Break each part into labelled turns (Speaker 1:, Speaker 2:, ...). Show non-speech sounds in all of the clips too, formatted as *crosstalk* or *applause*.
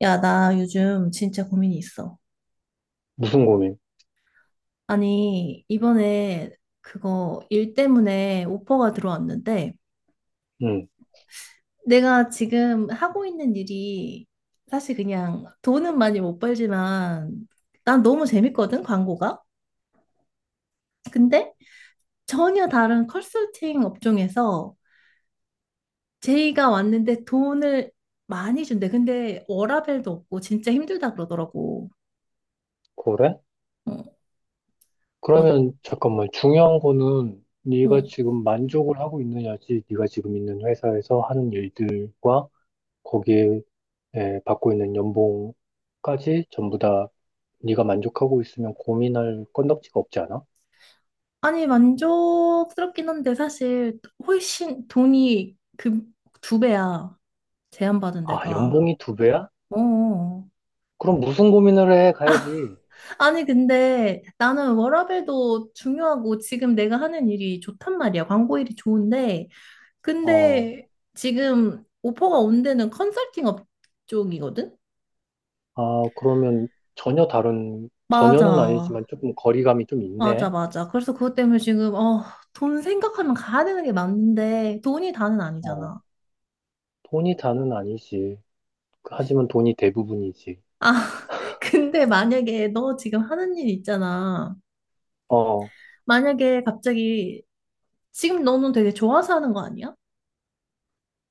Speaker 1: 야, 나 요즘 진짜 고민이 있어.
Speaker 2: 무슨 고민?
Speaker 1: 아니, 이번에 그거 일 때문에 오퍼가 들어왔는데,
Speaker 2: 응,
Speaker 1: 내가 지금 하고 있는 일이 사실 그냥 돈은 많이 못 벌지만, 난 너무 재밌거든, 광고가. 근데 전혀 다른 컨설팅 업종에서 제의가 왔는데 돈을 많이 준대. 근데 워라밸도 없고 진짜 힘들다 그러더라고.
Speaker 2: 그래?
Speaker 1: 어, 어,
Speaker 2: 그러면 잠깐만 중요한 거는 네가
Speaker 1: 어.
Speaker 2: 지금 만족을 하고 있느냐지, 네가 지금 있는 회사에서 하는 일들과 거기에 받고 있는 연봉까지 전부 다 네가 만족하고 있으면 고민할 건덕지가 없지 않아?
Speaker 1: 아니, 만족스럽긴 한데, 사실, 훨씬 돈이 그 두 배야. 제안받은 내
Speaker 2: 아,
Speaker 1: 가
Speaker 2: 연봉이 두 배야?
Speaker 1: 어.
Speaker 2: 그럼 무슨 고민을 해? 가야지.
Speaker 1: 아니, 근데 나는 워라밸도 중요하고 지금 내가 하는 일이 좋단 말이야. 광고 일이 좋은데.
Speaker 2: 어,
Speaker 1: 근데 지금 오퍼가 온 데는 컨설팅 업 쪽이거든?
Speaker 2: 아, 그러면 전혀 다른, 전혀는
Speaker 1: 맞아.
Speaker 2: 아니지만 조금 거리감이 좀
Speaker 1: 맞아,
Speaker 2: 있네.
Speaker 1: 맞아. 그래서 그것 때문에 지금, 돈 생각하면 가야 되는 게 맞는데, 돈이 다는
Speaker 2: 어,
Speaker 1: 아니잖아.
Speaker 2: 돈이 다는 아니지. 하지만 돈이 대부분이지.
Speaker 1: 아, *laughs* 근데 만약에 너 지금 하는 일 있잖아.
Speaker 2: 어,
Speaker 1: 만약에 갑자기 지금 너는 되게 좋아서 하는 거 아니야?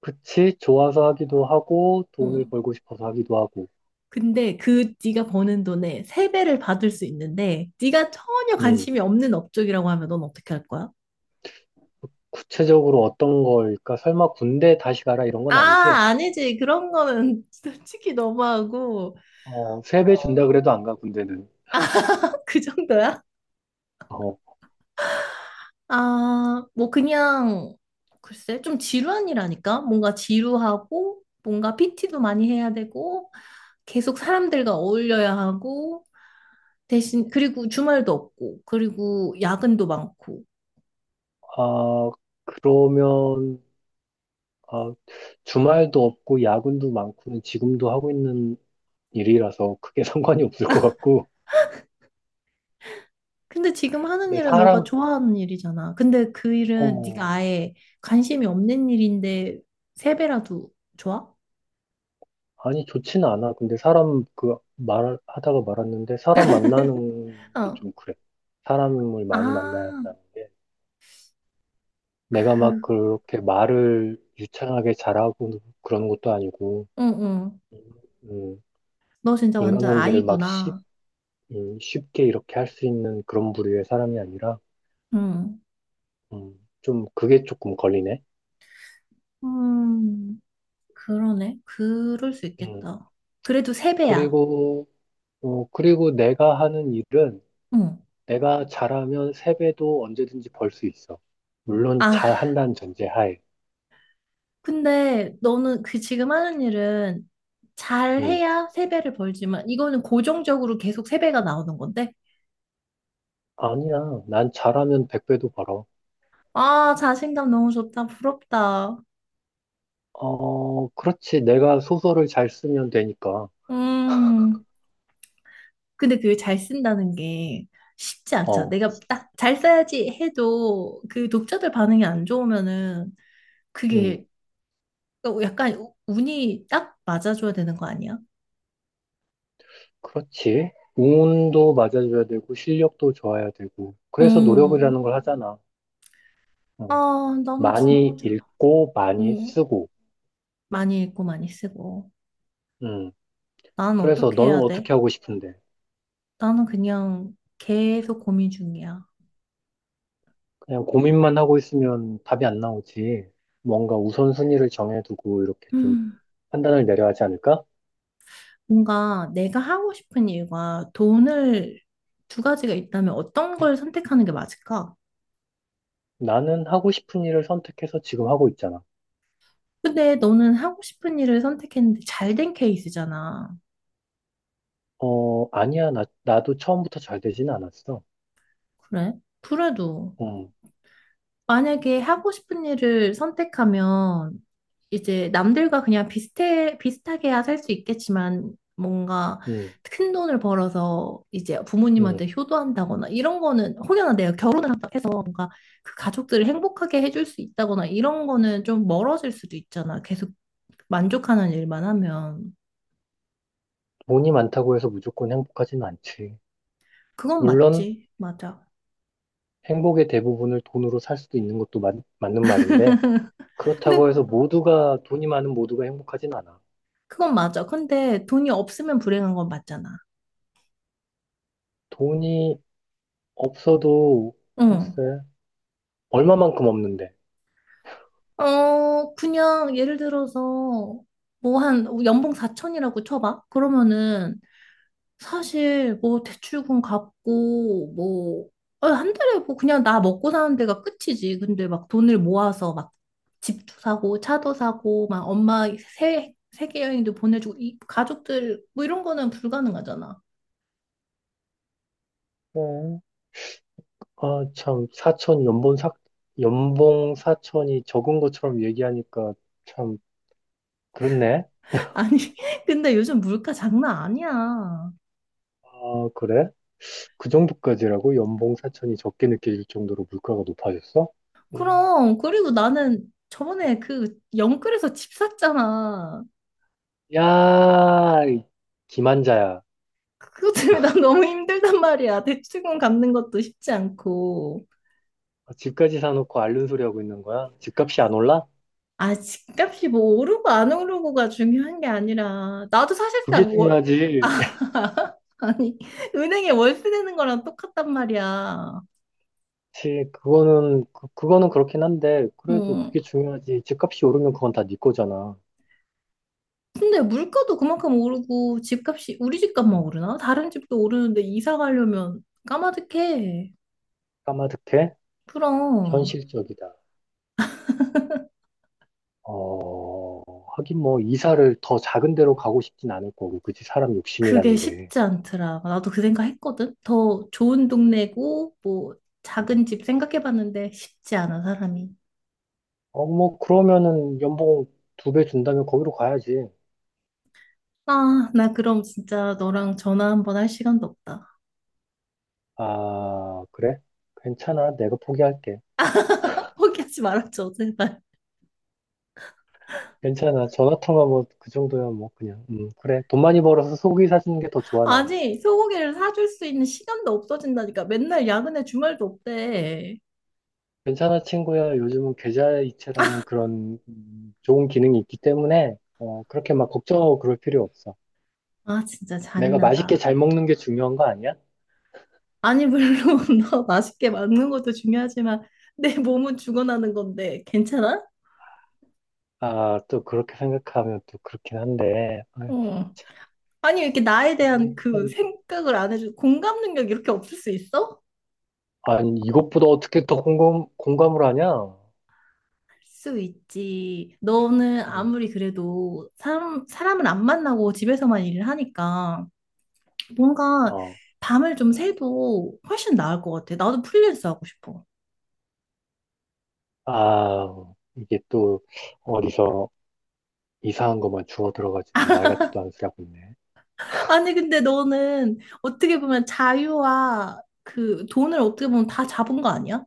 Speaker 2: 그치. 좋아서 하기도 하고,
Speaker 1: 어.
Speaker 2: 돈을 벌고 싶어서 하기도 하고.
Speaker 1: 근데 그 네가 버는 돈의 세배를 받을 수 있는데 네가 전혀
Speaker 2: 음.
Speaker 1: 관심이 없는 업종이라고 하면 넌 어떻게 할 거야?
Speaker 2: 구체적으로 어떤 걸까? 설마 군대 다시 가라 이런 건 아니지?
Speaker 1: 아, 아니지. 그런 거는 *laughs* 솔직히 너무하고.
Speaker 2: 어, 3배 준다 그래도
Speaker 1: 어,
Speaker 2: 안 가, 군대는.
Speaker 1: 그 정도야?
Speaker 2: 어,
Speaker 1: 아, 뭐 그냥 글쎄 좀 지루한 일 아니까 뭔가 지루하고 뭔가 PT도 많이 해야 되고 계속 사람들과 어울려야 하고 대신 그리고 주말도 없고 그리고 야근도 많고.
Speaker 2: 아, 그러면, 아, 주말도 없고, 야근도 많고는 지금도 하고 있는 일이라서 크게 *laughs* 상관이 없을 것 같고.
Speaker 1: 근데 지금 하는
Speaker 2: 근데
Speaker 1: 일은 너가
Speaker 2: 사람,
Speaker 1: 좋아하는 일이잖아. 근데 그 일은 네가
Speaker 2: 어,
Speaker 1: 아예 관심이 없는 일인데 세 배라도 좋아?
Speaker 2: 아니, 좋지는 않아. 근데 사람, 그, 말, 하다가 말았는데, 사람 만나는 게
Speaker 1: 어.
Speaker 2: 좀 그래. 사람을 많이 만나야
Speaker 1: 아,
Speaker 2: 한다는 게, 내가 막
Speaker 1: 그,
Speaker 2: 그렇게 말을 유창하게 잘하고 그런 것도 아니고,
Speaker 1: 응, 응.
Speaker 2: 음,
Speaker 1: 너 진짜 완전
Speaker 2: 인간관계를 막
Speaker 1: 아이구나.
Speaker 2: 쉽게 이렇게 할 수 있는 그런 부류의 사람이 아니라,
Speaker 1: 응.
Speaker 2: 좀 그게 조금 걸리네.
Speaker 1: 음. 그러네. 그럴 수
Speaker 2: 음,
Speaker 1: 있겠다. 그래도 세배야.
Speaker 2: 그리고, 그리고 내가 하는 일은,
Speaker 1: 응.
Speaker 2: 내가 잘하면 3배도 언제든지 벌 수 있어. 물론
Speaker 1: 아,
Speaker 2: 잘한다는 전제하에.
Speaker 1: 근데 너는 그 지금 하는 일은
Speaker 2: 음.
Speaker 1: 잘해야 세배를 벌지만 이거는 고정적으로 계속 세배가 나오는 건데?
Speaker 2: 아니야. 난 잘하면 100배도 벌어.
Speaker 1: 아, 자신감 너무 좋다. 부럽다.
Speaker 2: 어, 그렇지. 내가 소설을 잘 쓰면 되니까.
Speaker 1: 음. 근데 그게 잘 쓴다는 게 쉽지 않죠.
Speaker 2: 어,
Speaker 1: 내가 딱 잘 써야지 해도 그 독자들 반응이 안 좋으면은
Speaker 2: 음,
Speaker 1: 그게 약간 운이 딱 맞아줘야 되는 거 아니야?
Speaker 2: 그렇지. 운도 맞아줘야 되고, 실력도 좋아야 되고. 그래서
Speaker 1: 음.
Speaker 2: 노력이라는 걸 하잖아. 어,
Speaker 1: 아, 나는
Speaker 2: 많이
Speaker 1: 진짜,
Speaker 2: 읽고, 많이
Speaker 1: 응,
Speaker 2: 쓰고.
Speaker 1: 많이 읽고 많이 쓰고.
Speaker 2: 음,
Speaker 1: 나는
Speaker 2: 그래서
Speaker 1: 어떻게
Speaker 2: 너는
Speaker 1: 해야 돼?
Speaker 2: 어떻게 하고 싶은데?
Speaker 1: 나는 그냥 계속 고민 중이야.
Speaker 2: 그냥 고민만 하고 있으면 답이 안 나오지. 뭔가 우선순위를 정해두고 이렇게 좀
Speaker 1: 음,
Speaker 2: 판단을 내려야 하지 않을까?
Speaker 1: 뭔가 내가 하고 싶은 일과 돈을 두 가지가 있다면 어떤 걸 선택하는 게 맞을까?
Speaker 2: 나는 하고 싶은 일을 선택해서 지금 하고 있잖아.
Speaker 1: 근데 너는 하고 싶은 일을 선택했는데 잘 된 케이스잖아.
Speaker 2: 어, 아니야. 나도 처음부터 잘 되진 않았어.
Speaker 1: 그래? 그래도
Speaker 2: 음,
Speaker 1: 만약에 하고 싶은 일을 선택하면 이제 남들과 그냥 비슷해, 비슷하게야 살 수 있겠지만 뭔가
Speaker 2: 음,
Speaker 1: 큰 돈을 벌어서 이제
Speaker 2: 음.
Speaker 1: 부모님한테 효도한다거나 이런 거는 혹여나 내가 결혼을 한다 해서 뭔가 그 가족들을 행복하게 해줄 수 있다거나 이런 거는 좀 멀어질 수도 있잖아. 계속 만족하는 일만 하면.
Speaker 2: 돈이 많다고 해서 무조건 행복하진 않지.
Speaker 1: 그건
Speaker 2: 물론
Speaker 1: 맞지. 맞아.
Speaker 2: 행복의 대부분을 돈으로 살 수도 있는 것도 맞는 말인데, 그렇다고
Speaker 1: 근데
Speaker 2: 해서 모두가, 돈이 많은 모두가 행복하진 않아.
Speaker 1: 그건 맞아. 근데 돈이 없으면 불행한 건 맞잖아.
Speaker 2: 돈이 없어도, 글쎄,
Speaker 1: 응.
Speaker 2: 얼마만큼 없는데.
Speaker 1: 그냥 예를 들어서 뭐 한 연봉 4천이라고 쳐봐. 그러면은 사실 뭐 대출금 갚고 뭐 한 달에 뭐 그냥 나 먹고 사는 데가 끝이지. 근데 막 돈을 모아서 막 집도 사고 차도 사고 막 엄마 세 세계 여행도 보내주고 이 가족들 뭐 이런 거는 불가능하잖아.
Speaker 2: 어, 아, 참, 연봉 사촌이 적은 것처럼 얘기하니까 참, 그렇네.
Speaker 1: *laughs* 아니 근데 요즘 물가 장난 아니야.
Speaker 2: 아, 그래? 그 정도까지라고? 연봉 사촌이 적게 느껴질 정도로 물가가 높아졌어? 오.
Speaker 1: 그럼 그리고 나는 저번에 그 영끌에서 집 샀잖아.
Speaker 2: 야, 이 기만자야.
Speaker 1: 그것 때문에 난 너무 힘들단 말이야. 대출금 갚는 것도 쉽지 않고.
Speaker 2: 아, 집까지 사놓고 앓는 소리 하고 있는 거야? 집값이 안 올라?
Speaker 1: 아, 집값이 뭐 오르고 안 오르고가 중요한 게 아니라, 나도
Speaker 2: 그게
Speaker 1: 사실상 월,
Speaker 2: 중요하지. *laughs*
Speaker 1: 아니, *laughs* 은행에 월세 내는 거랑 똑같단 말이야.
Speaker 2: 그치, 그거는 그렇긴 한데, 그래도
Speaker 1: 음.
Speaker 2: 그게 중요하지. 집값이 오르면 그건 다 네 거잖아.
Speaker 1: 근데 물가도 그만큼 오르고, 집값이, 우리 집값만
Speaker 2: 음,
Speaker 1: 오르나? 다른 집도 오르는데 이사 가려면 까마득해.
Speaker 2: 까마득해?
Speaker 1: 그럼.
Speaker 2: 현실적이다. 어, 하긴 뭐, 이사를 더 작은 데로 가고 싶진 않을 거고, 그치? 사람
Speaker 1: 그게
Speaker 2: 욕심이라는 게.
Speaker 1: 쉽지 않더라. 나도 그 생각 했거든. 더 좋은 동네고, 뭐, 작은 집 생각해봤는데 쉽지 않아, 사람이.
Speaker 2: 어, 뭐, 그러면은 연봉 2배 준다면 거기로 가야지.
Speaker 1: 아, 나 그럼 진짜 너랑 전화 한 번 할 시간도 없다.
Speaker 2: 아, 그래? 괜찮아. 내가 포기할게.
Speaker 1: *laughs* 포기하지 말아줘, 제발.
Speaker 2: 괜찮아. 전화 통화 뭐, 그 정도야 뭐, 그냥. 그래. 돈 많이 벌어서 속이 사주는 게 더 좋아, 난.
Speaker 1: 아니, 소고기를 사줄 수 있는 시간도 없어진다니까. 맨날 야근에 주말도 없대.
Speaker 2: 괜찮아, 친구야. 요즘은 계좌이체라는 그런 좋은 기능이 있기 때문에, 그렇게 막 걱정하고 그럴 필요 없어.
Speaker 1: 아, 진짜
Speaker 2: 내가 맛있게
Speaker 1: 잔인하다.
Speaker 2: 잘 먹는 게 중요한 거 아니야?
Speaker 1: 아니, 물론 *laughs* 너 맛있게 먹는 것도 중요하지만 내 몸은 죽어나는 건데 괜찮아?
Speaker 2: 아, 또 그렇게 생각하면 또 그렇긴 한데, 아,
Speaker 1: 어. 아니, 왜 이렇게 나에 대한
Speaker 2: 이게
Speaker 1: 그
Speaker 2: 참,
Speaker 1: 생각을 안 해줘. 공감 능력 이렇게 없을 수 있어?
Speaker 2: 아니, 이것보다 어떻게 더 공감을 하냐?
Speaker 1: 수 있지. 너는
Speaker 2: 음,
Speaker 1: 아무리 그래도 사람을 안 만나고 집에서만 일을 하니까 뭔가
Speaker 2: 어,
Speaker 1: 밤을 좀 새도 훨씬 나을 것 같아. 나도 프리랜서 하고 싶어.
Speaker 2: 아, 이게 또 어디서 이상한 것만 주워 들어가지고 말 같지도 않은 소리 하고 있네.
Speaker 1: 아니, 근데 너는 어떻게 보면 자유와 그 돈을 어떻게 보면 다 잡은 거 아니야?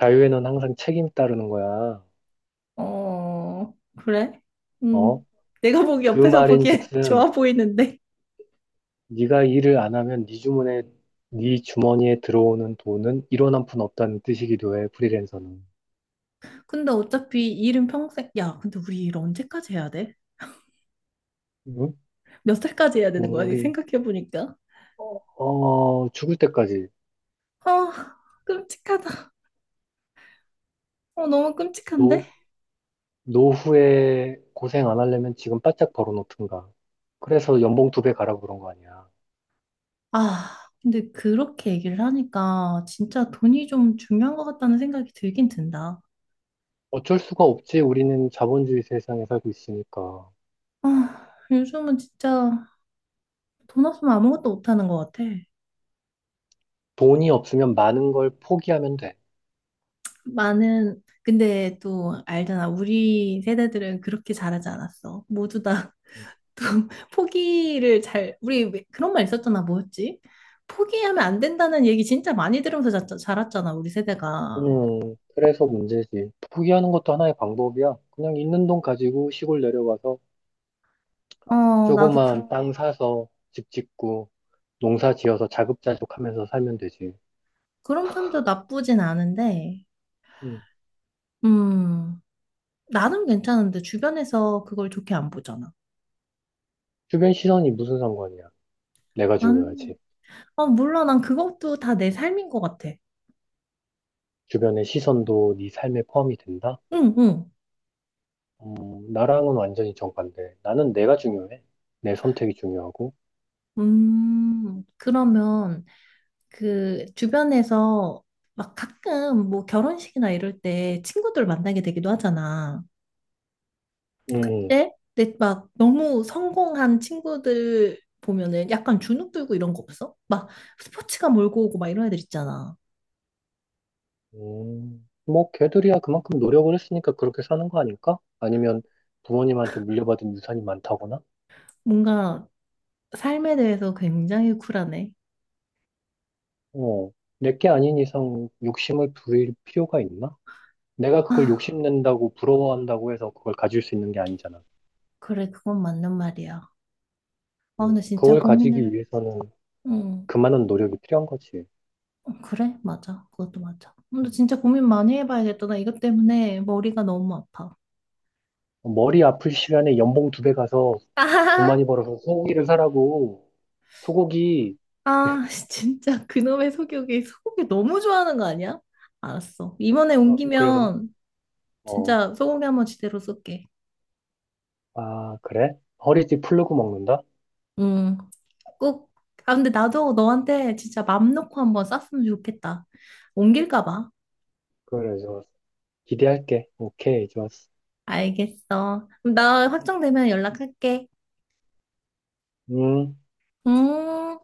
Speaker 2: 자유에는 항상 책임 따르는 거야.
Speaker 1: 어, 그래?
Speaker 2: 어?
Speaker 1: 음, 내가 보기
Speaker 2: 그
Speaker 1: 옆에서 보기엔 *laughs*
Speaker 2: 말인즉슨
Speaker 1: 좋아 보이는데.
Speaker 2: 네가 일을 안 하면 네 주머니에 들어오는 돈은 1원 한 푼 없다는 뜻이기도 해. 프리랜서는.
Speaker 1: 근데 어차피 일은 평생, 야, 근데 우리 일 언제까지 해야 돼?
Speaker 2: 응?
Speaker 1: 몇 살까지 해야 되는 거야?
Speaker 2: 우리
Speaker 1: 생각해보니까.
Speaker 2: 죽을 때까지.
Speaker 1: 아, 끔찍하다. 어, 너무 끔찍한데?
Speaker 2: 노, 노후에 고생 안 하려면 지금 바짝 벌어놓든가. 그래서 연봉 2배 가라고 그런 거 아니야.
Speaker 1: 아, 근데 그렇게 얘기를 하니까 진짜 돈이 좀 중요한 것 같다는 생각이 들긴 든다.
Speaker 2: 어쩔 수가 없지. 우리는 자본주의 세상에 살고 있으니까.
Speaker 1: 아, 요즘은 진짜 돈 없으면 아무것도 못하는 것 같아.
Speaker 2: 돈이 없으면 많은 걸 포기하면 돼.
Speaker 1: 많은, 근데 또 알잖아. 우리 세대들은 그렇게 잘하지 않았어. 모두 다 또 *laughs* 포기를 잘, 우리 왜- 그런 말 있었잖아. 뭐였지? 포기하면 안 된다는 얘기 진짜 많이 들으면서 자랐잖아. 우리 세대가.
Speaker 2: 그래서 문제지. 포기하는 것도 하나의 방법이야. 그냥 있는 돈 가지고 시골 내려가서
Speaker 1: 어, 나도 그,
Speaker 2: 조그만 땅 사서 집 짓고 농사 지어서 자급자족하면서 살면 되지.
Speaker 1: 그런 편도 나쁘진 않은데,
Speaker 2: 음.
Speaker 1: 음, 나는 괜찮은데 주변에서 그걸 좋게 안 보잖아.
Speaker 2: 주변 시선이 무슨 상관이야? 내가
Speaker 1: 난,
Speaker 2: 중요하지.
Speaker 1: 아, 몰라. 난 그것도 다 내 삶인 것 같아.
Speaker 2: 주변의 시선도 네 삶에 포함이 된다?
Speaker 1: 응, 응.
Speaker 2: 어, 나랑은 완전히 정반대. 나는 내가 중요해. 내 선택이 중요하고.
Speaker 1: 그러면 그 주변에서 막 가끔 뭐 결혼식이나 이럴 때 친구들 만나게 되기도 하잖아.
Speaker 2: 음,
Speaker 1: 예? 근데 막 너무 성공한 친구들 보면은 약간 주눅 들고 이런 거 없어? 막 스포츠가 몰고 오고 막 이런 애들 있잖아.
Speaker 2: 뭐, 걔들이야 그만큼 노력을 했으니까 그렇게 사는 거 아닐까? 아니면 부모님한테 물려받은 유산이 많다거나?
Speaker 1: 뭔가 삶에 대해서 굉장히 쿨하네.
Speaker 2: 어, 내게 아닌 이상 욕심을 부릴 필요가 있나? 내가 그걸
Speaker 1: 아,
Speaker 2: 욕심낸다고 부러워한다고 해서 그걸 가질 수 있는 게 아니잖아.
Speaker 1: 그래, 그건 맞는 말이야. 아, 근데 진짜
Speaker 2: 그걸 가지기
Speaker 1: 고민을,
Speaker 2: 위해서는
Speaker 1: 응,
Speaker 2: 그만한 노력이 필요한 거지.
Speaker 1: 그래, 맞아. 그것도 맞아. 근데
Speaker 2: 음.
Speaker 1: 진짜 고민 많이 해봐야겠다. 나 이것 때문에 머리가 너무 아파.
Speaker 2: 머리 아플 시간에 연봉 2배 가서 돈
Speaker 1: 아,
Speaker 2: 많이 벌어서 소고기를 사라고. 소고기,
Speaker 1: 아, *laughs* 진짜 그놈의 소고기, 소고기 너무 좋아하는 거 아니야? 알았어. 이번에
Speaker 2: 어, 그래서,
Speaker 1: 옮기면
Speaker 2: 어,
Speaker 1: 진짜 소고기 한번 제대로 쏠게.
Speaker 2: 아, 그래? 허리띠 풀르고 먹는다?
Speaker 1: 응, 꼭. 아, 근데 나도 너한테 진짜 맘 놓고 한번 쐈으면 좋겠다. 옮길까 봐.
Speaker 2: 그래, 좋았어. 기대할게. 오케이, 좋았어.
Speaker 1: 알겠어. 그럼 나 확정되면 연락할게.
Speaker 2: 음.
Speaker 1: 음.